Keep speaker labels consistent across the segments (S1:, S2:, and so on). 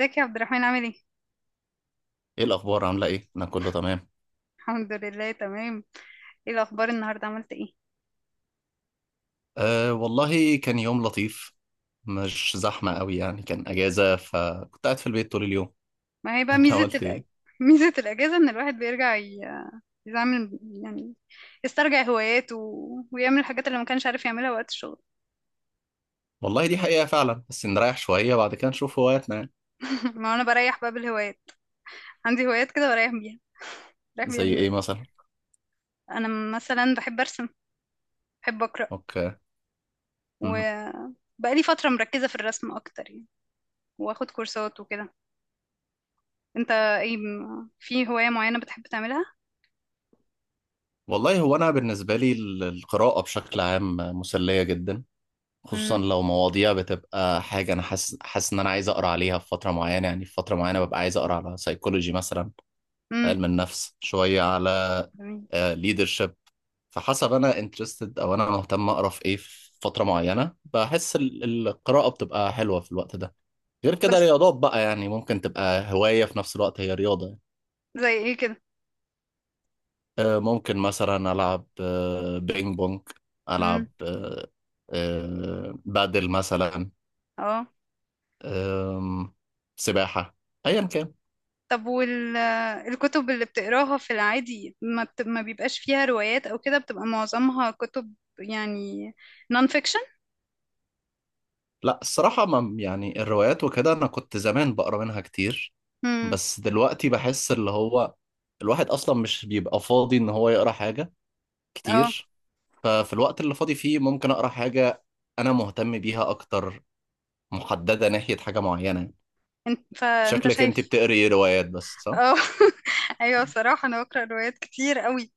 S1: ازيك يا عبد الرحمن عامل ايه؟
S2: ايه الاخبار، عامله ايه؟ انا كله تمام.
S1: الحمد لله تمام. ايه الأخبار النهاردة عملت ايه؟
S2: أه والله كان يوم لطيف. مش زحمه قوي يعني، كان اجازه فكنت قاعد في البيت طول اليوم.
S1: ما هي بقى
S2: انت
S1: ميزة
S2: عملت ايه؟
S1: ميزة الأجازة إن الواحد يعمل يعني، يسترجع هواياته ويعمل الحاجات اللي ما كانش عارف يعملها وقت الشغل.
S2: والله دي حقيقه فعلا، بس نريح شويه بعد كده نشوف هواياتنا يعني.
S1: ما أنا بريح بقى بالهوايات، عندي هوايات كده بريح بيها، بريح بيها
S2: زي
S1: دماغي.
S2: ايه مثلا؟
S1: أنا مثلا بحب أرسم، بحب أقرأ،
S2: اوكي. مم.
S1: وبقالي فترة مركزة في الرسم أكتر يعني، وآخد كورسات وكده. أنت ايه في هواية معينة بتحب تعملها؟
S2: والله هو انا بالنسبه لي القراءه بشكل عام مسليه جدا. خصوصا
S1: امم
S2: لو مواضيع بتبقى حاجه، انا حاسس ان انا عايز اقرا عليها في فتره معينه، يعني في فتره معينه ببقى عايز اقرا على سيكولوجي مثلا.
S1: امم
S2: علم النفس، شوية على ليدرشيب. فحسب أنا انترستد، أو أنا مهتم أقرأ في إيه في فترة معينة، بحس القراءة بتبقى حلوة في الوقت ده. غير كده
S1: بس
S2: رياضات بقى، يعني ممكن تبقى هواية في نفس الوقت هي رياضة يعني.
S1: زي ايه كده؟
S2: ممكن مثلا ألعب بينج بونج.
S1: امم
S2: ألعب آه، بادل مثلا.
S1: اه.
S2: آم، سباحة. أيا كان.
S1: طب الكتب اللي بتقراها في العادي ما بيبقاش فيها روايات او كده، بتبقى معظمها كتب يعني نون فيكشن؟
S2: لا الصراحة، ما يعني الروايات وكده أنا كنت زمان بقرا منها كتير.
S1: امم
S2: بس دلوقتي بحس اللي هو الواحد أصلا مش بيبقى فاضي إن هو يقرا حاجة
S1: اه.
S2: كتير. ففي الوقت اللي فاضي فيه ممكن أقرا حاجة أنا مهتم بيها أكتر، محددة ناحية حاجة معينة.
S1: انت فانت
S2: شكلك أنت
S1: شايف
S2: بتقري إيه، روايات بس، صح؟
S1: اه. ايوه بصراحة انا بقرا روايات كتير قوي،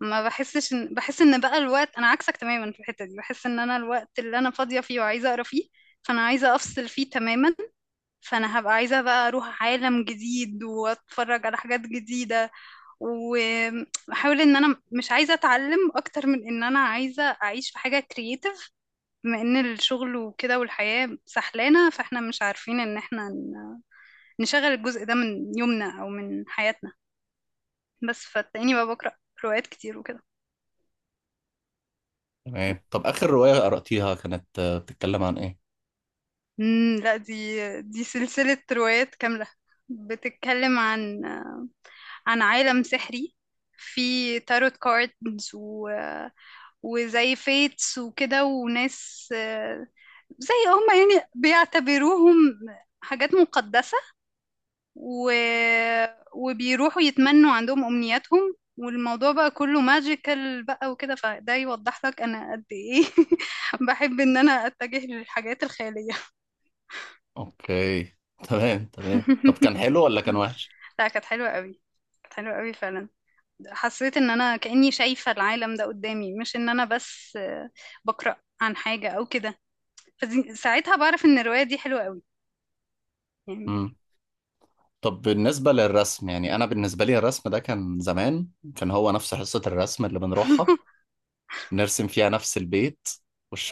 S1: ما بحسش ان بحس ان بقى الوقت انا عكسك تماما في الحتة دي، بحس ان انا الوقت اللي انا فاضية فيه وعايزة اقرا فيه فانا عايزة افصل فيه تماما. فانا هبقى عايزة بقى اروح عالم جديد واتفرج على حاجات جديدة، واحاول ان انا مش عايزة اتعلم اكتر من ان انا عايزة اعيش في حاجة كرييتيف، بما ان الشغل وكده والحياة سحلانة فاحنا مش عارفين ان احنا نشغل الجزء ده من يومنا او من حياتنا. بس فتلاقيني بقى بقرأ روايات كتير وكده.
S2: تمام. طب آخر رواية قرأتيها كانت بتتكلم عن إيه؟
S1: امم، لا، دي سلسلة روايات كاملة، بتتكلم عن عن عالم سحري في تاروت كاردز وزي فيتس وكده وناس زي هما يعني بيعتبروهم حاجات مقدسة، و... وبيروحوا يتمنوا عندهم أمنياتهم، والموضوع بقى كله ماجيكال بقى وكده، فده يوضح لك أنا قد إيه بحب إن أنا أتجه للحاجات الخيالية.
S2: أوكي. تمام تمام. طب كان حلو ولا كان وحش؟
S1: لا كانت حلوة قوي، كانت حلوة قوي فعلا. حسيت إن أنا كأني شايفة العالم ده قدامي، مش إن أنا بس بقرأ عن حاجة أو كده. ساعتها بعرف ان الرواية دي حلوة قوي يعني.
S2: طب بالنسبة للرسم، يعني أنا بالنسبة لي الرسم ده كان زمان. كان هو نفس حصة الرسم اللي بنروحها، نرسم فيها نفس البيت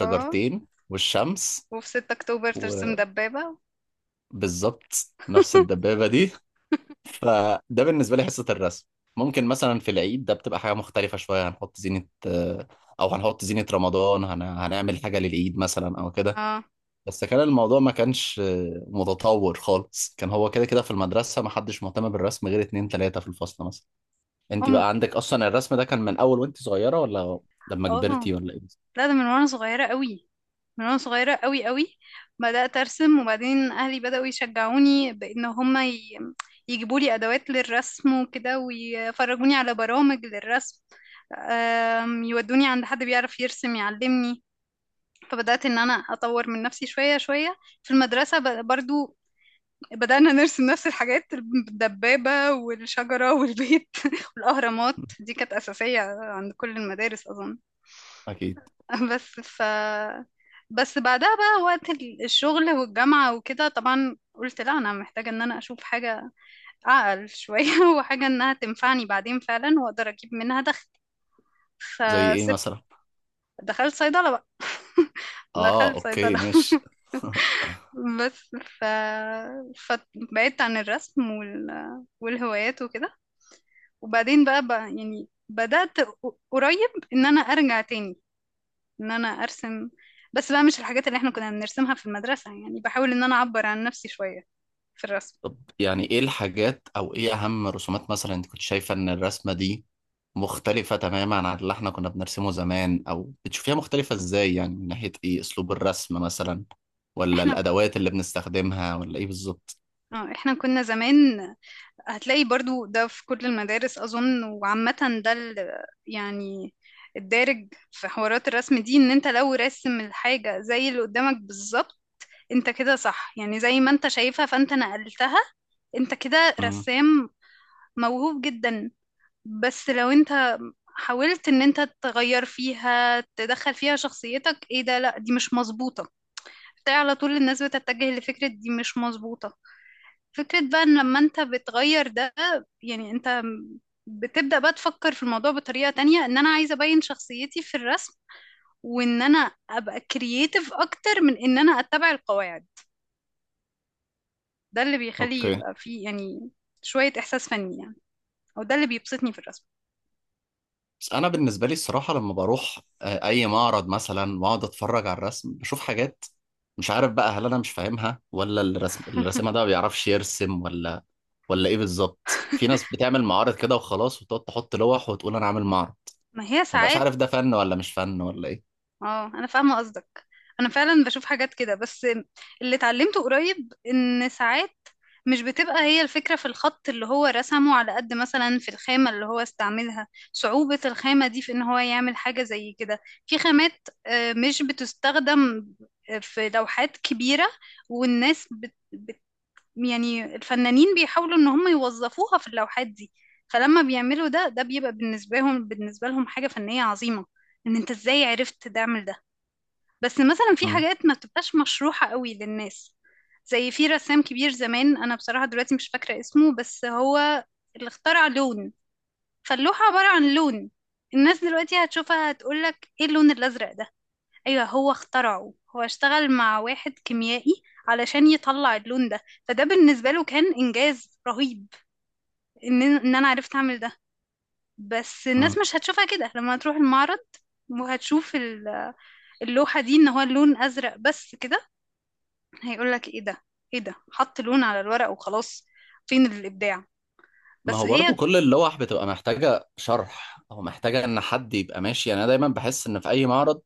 S1: اه،
S2: والشمس.
S1: وفي 6 اكتوبر ترسم دبابة.
S2: وبالظبط نفس الدبابة دي. فده بالنسبة لي حصة الرسم. ممكن مثلا في العيد ده بتبقى حاجة مختلفة شوية، هنحط زينة، أو هنحط زينة رمضان، هنعمل حاجة للعيد مثلا أو كده.
S1: اه.
S2: بس كان الموضوع ما كانش متطور خالص، كان هو كده كده في المدرسة ما حدش مهتم بالرسم غير اتنين تلاتة في الفصل مثلا. انت
S1: ام.
S2: بقى عندك اصلا الرسم ده كان من اول وانت صغيرة، ولا لما
S1: اه
S2: كبرتي، ولا ايه؟
S1: لا، ده من وانا صغيرة قوي، من وانا صغيرة قوي قوي. بدأت ارسم، وبعدين اهلي بدأوا يشجعوني بان يجيبوا لي ادوات للرسم وكده، ويفرجوني على برامج للرسم، يودوني عند حد بيعرف يرسم يعلمني. فبدأت ان انا اطور من نفسي شوية شوية. في المدرسة برضو بدأنا نرسم نفس الحاجات، الدبابة والشجرة والبيت والأهرامات، دي كانت أساسية عند كل المدارس أظن.
S2: اكيد.
S1: بس ف بس بعدها بقى وقت الشغل والجامعة وكده، طبعا قلت لا أنا محتاجة إن أنا أشوف حاجة أعقل شوية وحاجة إنها تنفعني بعدين فعلا وأقدر أجيب منها دخل.
S2: زي ايه
S1: فسبت،
S2: مثلا؟
S1: دخلت صيدلة بقى.
S2: اه
S1: دخلت
S2: اوكي
S1: صيدلة.
S2: ماشي.
S1: بس ف... فبعدت عن الرسم والهوايات وكده. وبعدين بقى يعني بدأت قريب ان انا ارجع تاني ان انا ارسم، بس بقى مش الحاجات اللي احنا كنا بنرسمها في المدرسة، يعني بحاول ان انا اعبر عن نفسي شوية في الرسم.
S2: طب يعني ايه الحاجات، او ايه اهم رسومات مثلا انت كنت شايفة ان الرسمة دي مختلفة تماما عن اللي احنا كنا بنرسمه زمان، او بتشوفيها مختلفة ازاي، يعني من ناحية ايه، اسلوب الرسم مثلا، ولا
S1: احنا
S2: الادوات اللي بنستخدمها، ولا ايه بالظبط؟
S1: اه، احنا كنا زمان هتلاقي برضو ده في كل المدارس اظن وعامة، ده يعني الدارج في حوارات الرسم دي، ان انت لو راسم الحاجة زي اللي قدامك بالظبط، انت كده صح يعني، زي ما انت شايفها فانت نقلتها، انت كده
S2: امم.
S1: رسام موهوب جدا. بس لو انت حاولت ان انت تغير فيها، تدخل فيها شخصيتك، ايه ده لا دي مش مظبوطة، بتاع. على طول الناس بتتجه لفكرة دي مش مظبوطة. فكرة بقى ان لما انت بتغير ده يعني انت بتبدأ بقى تفكر في الموضوع بطريقة تانية، ان انا عايزة ابين شخصيتي في الرسم، وان انا ابقى كرييتيف اكتر من ان انا اتبع القواعد، ده اللي بيخلي
S2: اوكي.
S1: يبقى فيه يعني شوية احساس فني يعني، او ده اللي بيبسطني في الرسم.
S2: بس انا بالنسبه لي الصراحه، لما بروح اي معرض مثلا واقعد اتفرج على الرسم بشوف حاجات مش عارف بقى، هل انا مش فاهمها ولا الرسم، الرسامه ده ما بيعرفش يرسم، ولا ايه بالظبط. في ناس بتعمل معارض كده وخلاص، وتقعد تحط لوح وتقول انا عامل معرض،
S1: ما هي
S2: ما بقاش
S1: ساعات
S2: عارف ده فن ولا مش فن ولا ايه.
S1: اه انا فاهمه قصدك. انا فعلا بشوف حاجات كده، بس اللي اتعلمته قريب ان ساعات مش بتبقى هي الفكره في الخط اللي هو رسمه على قد مثلا في الخامه اللي هو استعملها، صعوبه الخامه دي في ان هو يعمل حاجه زي كده. في خامات مش بتستخدم في لوحات كبيره، والناس يعني الفنانين بيحاولوا ان هم يوظفوها في اللوحات دي، فلما بيعملوا ده، ده بيبقى بالنسبه لهم بالنسبه لهم حاجه فنيه عظيمه، ان انت ازاي عرفت تعمل ده. بس مثلا في حاجات ما بتبقاش مشروحة قوي للناس، زي في رسام كبير زمان انا بصراحة دلوقتي مش فاكرة اسمه، بس هو اللي اخترع لون، فاللوحة عبارة عن لون، الناس دلوقتي هتشوفها هتقولك ايه اللون الازرق ده، ايوه هو اخترعه، هو اشتغل مع واحد كيميائي علشان يطلع اللون ده، فده بالنسبة له كان انجاز رهيب، ان انا عرفت اعمل ده. بس
S2: مم.
S1: الناس مش هتشوفها كده لما تروح المعرض، وهتشوف اللوحة دي ان هو اللون ازرق بس كده، هيقول لك ايه ده، ايه ده حط لون على الورق وخلاص، فين الابداع.
S2: ما
S1: بس
S2: هو برضو
S1: هي
S2: كل اللوح بتبقى محتاجة شرح، أو محتاجة إن حد يبقى ماشي، يعني أنا دايما بحس إن في أي معرض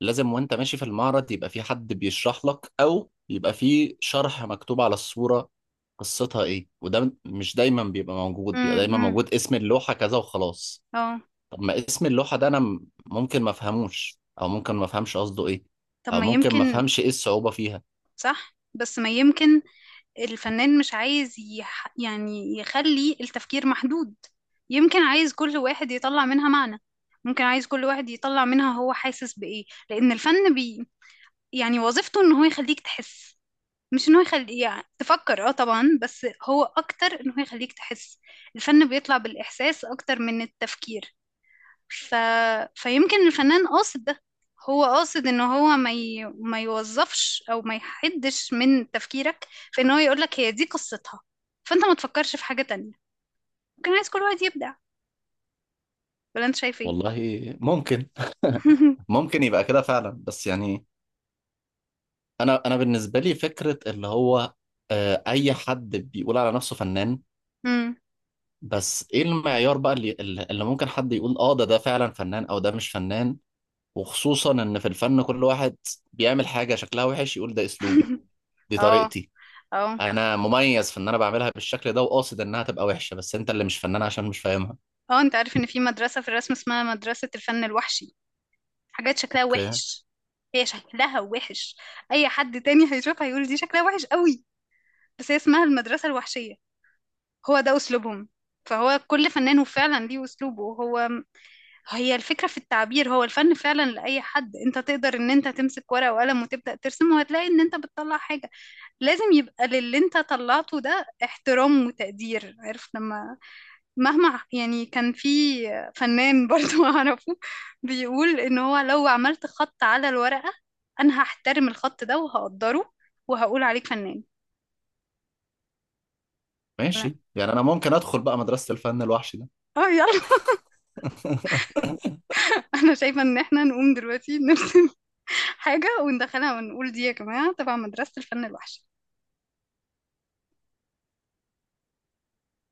S2: لازم وأنت ماشي في المعرض يبقى في حد بيشرح لك، أو يبقى في شرح مكتوب على الصورة قصتها إيه، وده مش دايما بيبقى موجود، بيبقى دايما
S1: امم
S2: موجود اسم اللوحة كذا وخلاص.
S1: اه.
S2: طب ما اسم اللوحة ده أنا ممكن ما أفهموش، أو ممكن ما أفهمش قصده إيه.
S1: طب
S2: أو
S1: ما
S2: ممكن ما
S1: يمكن،
S2: أفهمش إيه الصعوبة فيها.
S1: صح بس ما يمكن الفنان مش عايز يعني يخلي التفكير محدود، يمكن عايز كل واحد يطلع منها معنى، ممكن عايز كل واحد يطلع منها هو حاسس بإيه، لأن يعني وظيفته إن هو يخليك تحس، مش إن هو يخلي يعني تفكر، اه طبعا بس هو أكتر إن هو يخليك تحس، الفن بيطلع بالإحساس أكتر من التفكير. ف... فيمكن الفنان قاصد ده، هو قاصد ان هو ما يوظفش او ما يحدش من تفكيرك، في ان هو يقولك هي دي قصتها فانت ما تفكرش في حاجة تانية، ممكن عايز كل واحد يبدع. ولا انت شايف ايه؟
S2: والله، ممكن. ممكن يبقى كده فعلا، بس يعني انا بالنسبه لي فكره اللي هو اي حد بيقول على نفسه فنان.
S1: مم.
S2: بس ايه المعيار بقى اللي ممكن حد يقول اه ده فعلا فنان، او ده مش فنان. وخصوصا ان في الفن كل واحد بيعمل حاجه شكلها وحش يقول ده اسلوبي، دي
S1: اه،
S2: طريقتي،
S1: اه،
S2: انا مميز في ان انا بعملها بالشكل ده وقاصد انها تبقى وحشه، بس انت اللي مش فنان عشان مش فاهمها.
S1: اه، انت عارف ان في مدرسة في الرسم اسمها مدرسة الفن الوحشي، حاجات شكلها
S2: اوكي
S1: وحش. هي شكلها وحش، اي حد تاني هيشوفها هيقول دي شكلها وحش قوي، بس هي اسمها المدرسة الوحشية، هو ده أسلوبهم. فهو كل فنان وفعلا ليه أسلوبه هو، هي الفكرة في التعبير، هو الفن فعلا لأي حد، انت تقدر ان انت تمسك ورقة وقلم وتبدأ ترسم وهتلاقي ان انت بتطلع حاجة، لازم يبقى للي انت طلعته ده احترام وتقدير. عارف لما مهما يعني كان، في فنان برضو أعرفه بيقول ان هو لو عملت خط على الورقة، انا هحترم الخط ده وهقدره وهقول عليك فنان. لا.
S2: ماشي، يعني انا ممكن ادخل بقى مدرسه الفن الوحش ده.
S1: اه يلا، انا شايفة ان احنا نقوم دلوقتي نرسم حاجة وندخلها ونقول دي يا جماعة تبع مدرسة الفن الوحش